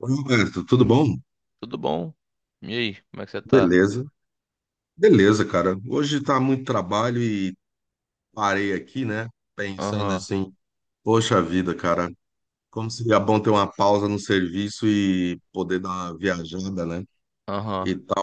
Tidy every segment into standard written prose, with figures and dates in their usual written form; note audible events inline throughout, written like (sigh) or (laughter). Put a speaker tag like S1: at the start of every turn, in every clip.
S1: Oi, Roberto, tudo bom?
S2: Tudo bom? E aí, como é que você tá?
S1: Beleza, beleza, cara. Hoje tá muito trabalho e parei aqui, né? Pensando
S2: Aham,
S1: assim, poxa vida, cara, como seria bom ter uma pausa no serviço e poder dar uma viajada, né?
S2: aham,
S1: E tal.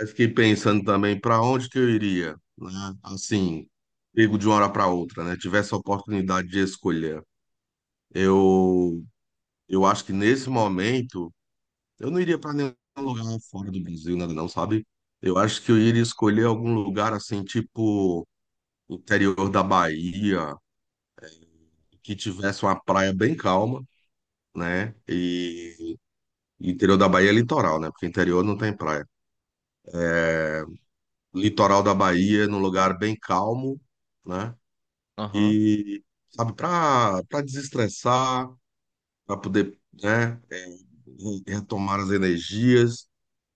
S1: Aí fiquei pensando também para onde que eu iria, né? Assim, pego de uma hora para outra, né? Tivesse a oportunidade de escolher. Eu, eu acho que nesse momento. Eu não iria para nenhum lugar fora do Brasil, nada não, sabe? Eu acho que eu iria escolher algum lugar assim, tipo interior da Bahia, que tivesse uma praia bem calma, né? E interior da Bahia é litoral, né? Porque interior não tem praia. Litoral da Bahia, num lugar bem calmo, né?
S2: aham,
S1: E sabe, para desestressar, para poder, né, retomar as energias.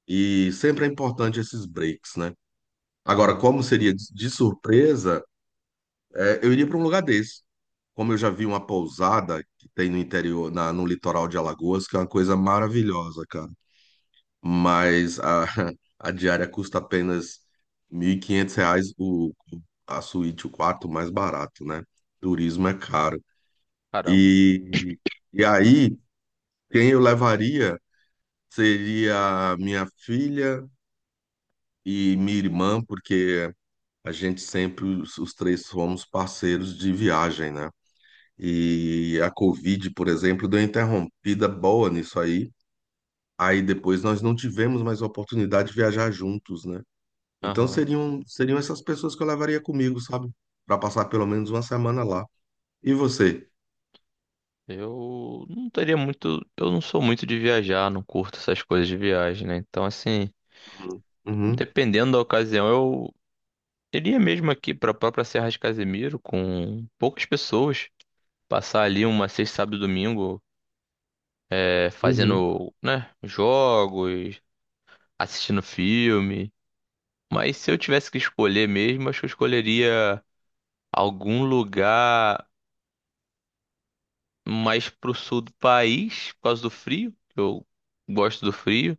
S1: E sempre é importante esses breaks, né? Agora,
S2: aham.
S1: como seria de surpresa, eu iria para um lugar desse. Como eu já vi uma pousada que tem no interior, no litoral de Alagoas, que é uma coisa maravilhosa, cara. Mas (laughs) a diária custa apenas R$ 1.500 a suíte, o quarto mais barato, né? Turismo é caro.
S2: Caramba.
S1: E, e aí, quem eu levaria seria minha filha e minha irmã, porque a gente sempre, os três fomos parceiros de viagem, né? E a Covid, por exemplo, deu uma interrompida boa nisso aí. Aí depois nós não tivemos mais oportunidade de viajar juntos, né? Então
S2: Aham.
S1: seriam essas pessoas que eu levaria comigo, sabe? Para passar pelo menos uma semana lá. E você?
S2: Eu não teria muito. Eu não sou muito de viajar, não curto essas coisas de viagem, né? Então, assim,
S1: Uhum, uhum,
S2: dependendo da ocasião, eu iria mesmo aqui pra própria Serra de Casemiro com poucas pessoas. Passar ali uma sexta, sábado e domingo,
S1: uhum.
S2: fazendo, né, jogos, assistindo filme. Mas se eu tivesse que escolher mesmo, acho que eu escolheria algum lugar mais pro sul do país, por causa do frio, que eu gosto do frio.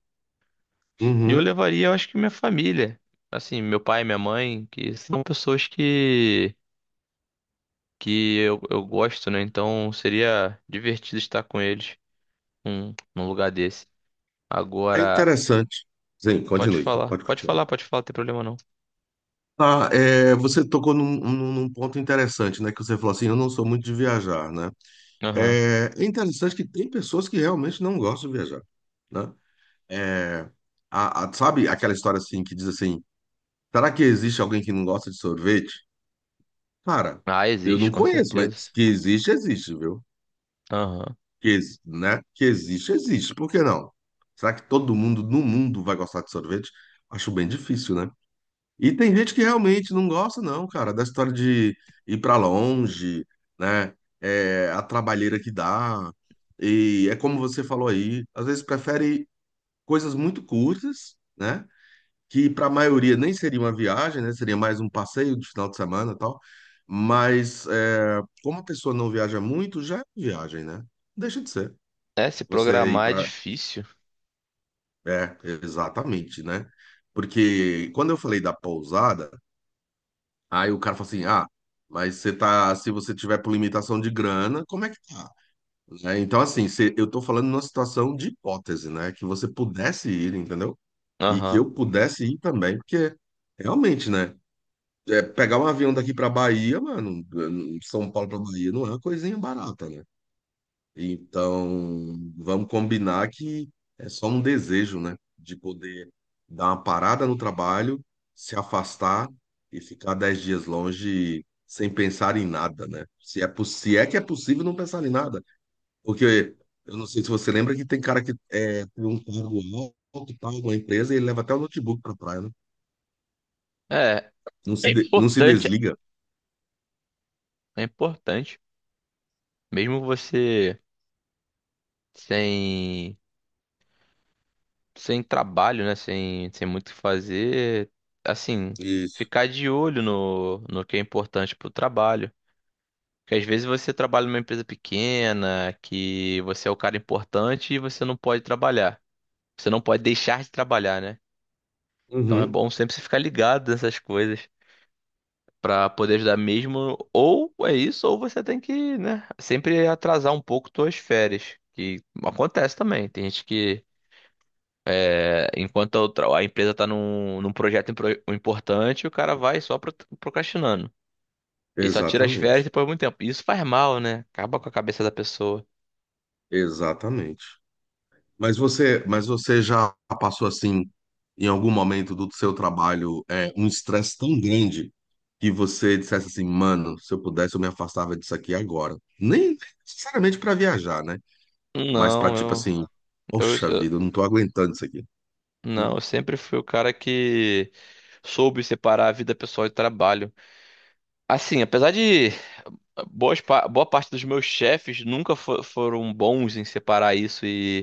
S2: E eu
S1: Uhum.
S2: levaria, eu acho que minha família, assim, meu pai e minha mãe, que são pessoas que eu gosto, né? Então seria divertido estar com eles num lugar desse.
S1: É
S2: Agora,
S1: interessante. Sim,
S2: pode
S1: continue,
S2: falar,
S1: pode
S2: pode
S1: continuar.
S2: falar, pode falar, não tem problema não.
S1: Ah, é, você tocou num ponto interessante, né? Que você falou assim, eu não sou muito de viajar, né?
S2: Aham.
S1: É interessante que tem pessoas que realmente não gostam de viajar, né? É, sabe aquela história assim que diz assim, será que existe alguém que não gosta de sorvete? Cara,
S2: Ah,
S1: eu
S2: existe,
S1: não
S2: com
S1: conheço, mas
S2: certeza.
S1: que existe, existe, viu?
S2: Aham.
S1: Né? Que existe, existe. Por que não? Será que todo mundo no mundo vai gostar de sorvete? Acho bem difícil, né? E tem gente que realmente não gosta, não, cara, da história de ir pra longe, né? É, a trabalheira que dá. E é como você falou aí, às vezes prefere coisas muito curtas, né? Que para a maioria nem seria uma viagem, né? Seria mais um passeio de final de semana e tal. Mas é, como a pessoa não viaja muito, já é viagem, né? Deixa de ser.
S2: É, se
S1: Você ir
S2: programar é
S1: para.
S2: difícil.
S1: É, exatamente, né? Porque quando eu falei da pousada. Aí o cara fala assim, ah, mas você tá, se você tiver por limitação de grana, como é que tá? Né? Então, assim, eu tô falando numa situação de hipótese, né? Que você pudesse ir, entendeu? E que
S2: Aham.
S1: eu pudesse ir também, porque realmente, né? Pegar um avião daqui pra Bahia, mano, São Paulo pra Bahia, não é uma coisinha barata, né? Então, vamos combinar que é só um desejo, né? De poder dar uma parada no trabalho, se afastar e ficar 10 dias longe sem pensar em nada, né? Se é que é possível não pensar em nada. Porque eu não sei se você lembra que tem cara que é, tem um cargo alto, tal, numa empresa, e ele leva até o notebook pra praia, né?
S2: É, é
S1: Não se
S2: importante,
S1: desliga.
S2: é importante. Mesmo você sem, sem trabalho, né? Sem muito o que fazer, assim,
S1: Isso.
S2: ficar de olho no que é importante pro trabalho. Porque às vezes você trabalha numa empresa pequena, que você é o cara importante e você não pode trabalhar. Você não pode deixar de trabalhar, né? Então é
S1: Uhum.
S2: bom sempre você ficar ligado nessas coisas pra poder ajudar mesmo. Ou é isso, ou você tem que, né, sempre atrasar um pouco suas férias. Que acontece também. Tem gente que é, a empresa está num projeto importante, o cara vai só procrastinando. E só tira as férias
S1: Exatamente.
S2: depois de muito tempo. Isso faz mal, né? Acaba com a cabeça da pessoa.
S1: Exatamente. Mas você já passou assim, em algum momento do seu trabalho, um estresse tão grande que você dissesse assim, mano, se eu pudesse, eu me afastava disso aqui agora. Nem sinceramente para viajar, né? Mas para
S2: Não,
S1: tipo
S2: eu,
S1: assim,
S2: eu,
S1: poxa
S2: eu-
S1: vida, eu não tô aguentando isso aqui.
S2: não, eu sempre fui o cara que soube separar a vida pessoal e trabalho. Assim, apesar de boa parte dos meus chefes nunca foram bons em separar isso. E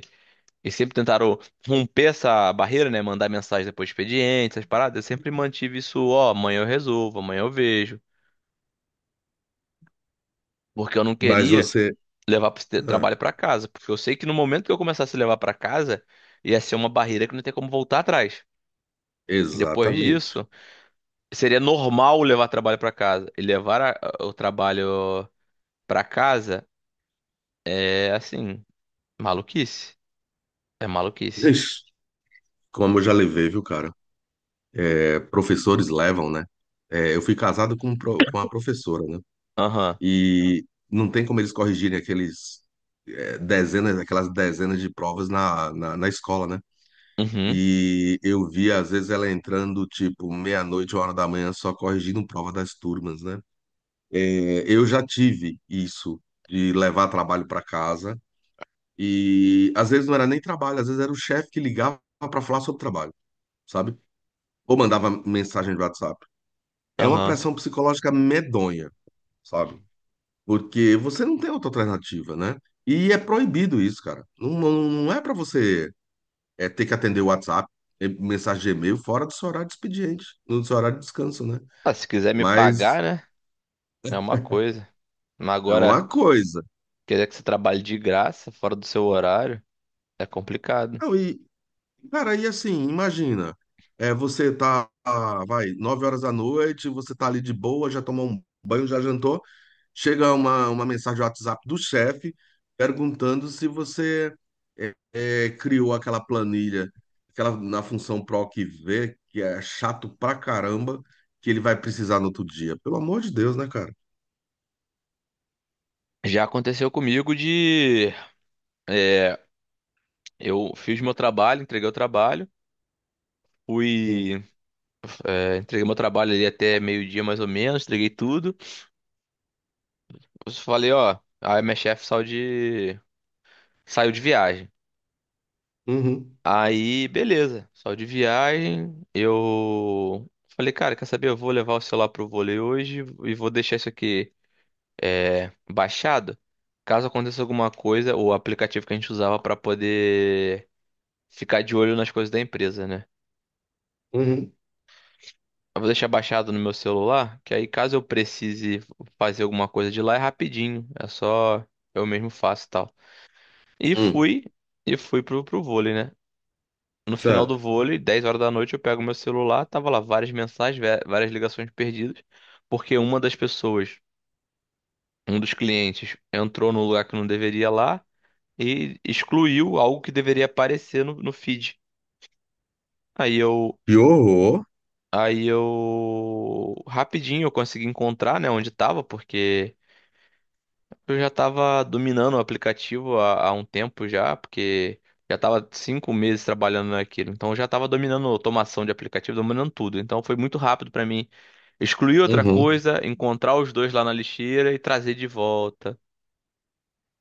S2: sempre tentaram romper essa barreira, né? Mandar mensagem depois do expediente, essas paradas. Eu sempre mantive isso, ó, amanhã eu resolvo, amanhã eu vejo. Porque eu não
S1: Mas
S2: queria
S1: você,
S2: levar
S1: ah,
S2: trabalho pra casa. Porque eu sei que no momento que eu começasse a levar pra casa, ia ser uma barreira que não tem como voltar atrás. Depois
S1: exatamente.
S2: disso, seria normal levar trabalho pra casa. E o trabalho pra casa é, assim, maluquice. É maluquice.
S1: Ixi, como eu já levei, viu, cara? É, professores levam, né? É, eu fui casado com uma professora, né?
S2: Aham.
S1: E não tem como eles corrigirem aquelas dezenas de provas na escola, né?
S2: Uhum.
S1: E eu vi, às vezes, ela entrando, tipo, meia-noite, 1 hora da manhã, só corrigindo prova das turmas, né? Eu já tive isso, de levar trabalho para casa. E às vezes não era nem trabalho, às vezes era o chefe que ligava para falar sobre trabalho, sabe? Ou mandava mensagem de WhatsApp. É uma
S2: Aham.
S1: pressão psicológica medonha, sabe? Porque você não tem outra alternativa, né? E é proibido isso, cara. Não, não, não é para você ter que atender o WhatsApp, mensagem de e-mail fora do seu horário de expediente, no seu horário de descanso, né?
S2: Ah, se quiser me
S1: Mas
S2: pagar, né? É uma coisa. Mas
S1: é
S2: agora,
S1: uma coisa.
S2: querer que você trabalhe de graça, fora do seu horário, é complicado.
S1: Não, e, cara, e assim, imagina, você tá, ah, vai, 9 horas da noite, você tá ali de boa, já tomou um banho, já jantou. Chega uma mensagem do WhatsApp do chefe perguntando se você criou aquela planilha, aquela na função PROC V, que é chato pra caramba, que ele vai precisar no outro dia. Pelo amor de Deus, né, cara?
S2: Já aconteceu comigo de, é, eu fiz meu trabalho, entreguei o trabalho,
S1: Hum.
S2: fui. É, entreguei meu trabalho ali até meio-dia mais ou menos, entreguei tudo. Eu falei, ó, aí minha chefe saiu de, saiu de viagem.
S1: Uhum,
S2: Aí, beleza, saiu de viagem, eu falei, cara, quer saber? Eu vou levar o celular pro vôlei hoje e vou deixar isso aqui, é, baixado. Caso aconteça alguma coisa, o aplicativo que a gente usava para poder ficar de olho nas coisas da empresa, né?
S1: uhum,
S2: Eu vou deixar baixado no meu celular, que aí caso eu precise fazer alguma coisa de lá é rapidinho, é só eu mesmo faço e tal. E
S1: hum.
S2: fui, e fui pro vôlei, né? No final do
S1: Sério.
S2: vôlei, 10 horas da noite, eu pego meu celular, tava lá várias mensagens, várias ligações perdidas, porque uma das pessoas, um dos clientes, entrou no lugar que não deveria lá e excluiu algo que deveria aparecer no feed. Aí eu,
S1: Que horror.
S2: aí eu rapidinho eu consegui encontrar, né, onde estava, porque eu já estava dominando o aplicativo há um tempo já, porque já estava 5 meses trabalhando naquilo. Então eu já estava dominando automação de aplicativo, dominando tudo. Então foi muito rápido para mim excluir outra
S1: Uhum,
S2: coisa, encontrar os dois lá na lixeira e trazer de volta.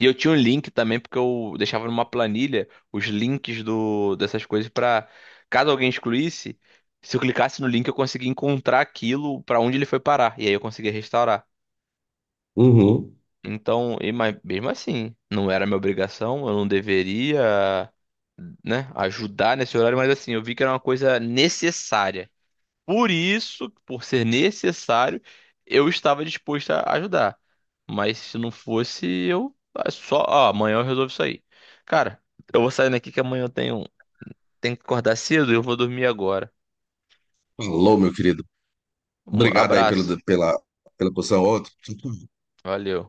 S2: E eu tinha um link também, porque eu deixava numa planilha os links dessas coisas pra caso alguém excluísse, se eu clicasse no link eu conseguia encontrar aquilo pra onde ele foi parar. E aí eu conseguia restaurar.
S1: uhum.
S2: Então, e, mas mesmo assim, não era minha obrigação, eu não deveria, né, ajudar nesse horário, mas assim, eu vi que era uma coisa necessária. Por isso, por ser necessário, eu estava disposto a ajudar. Mas se não fosse, eu ah, só, ó, amanhã eu resolvo isso aí. Cara, eu vou saindo aqui que amanhã eu tenho, tenho que acordar cedo e eu vou dormir agora.
S1: Alô, meu querido.
S2: Um
S1: Obrigado aí
S2: abraço.
S1: pela posição.
S2: Valeu.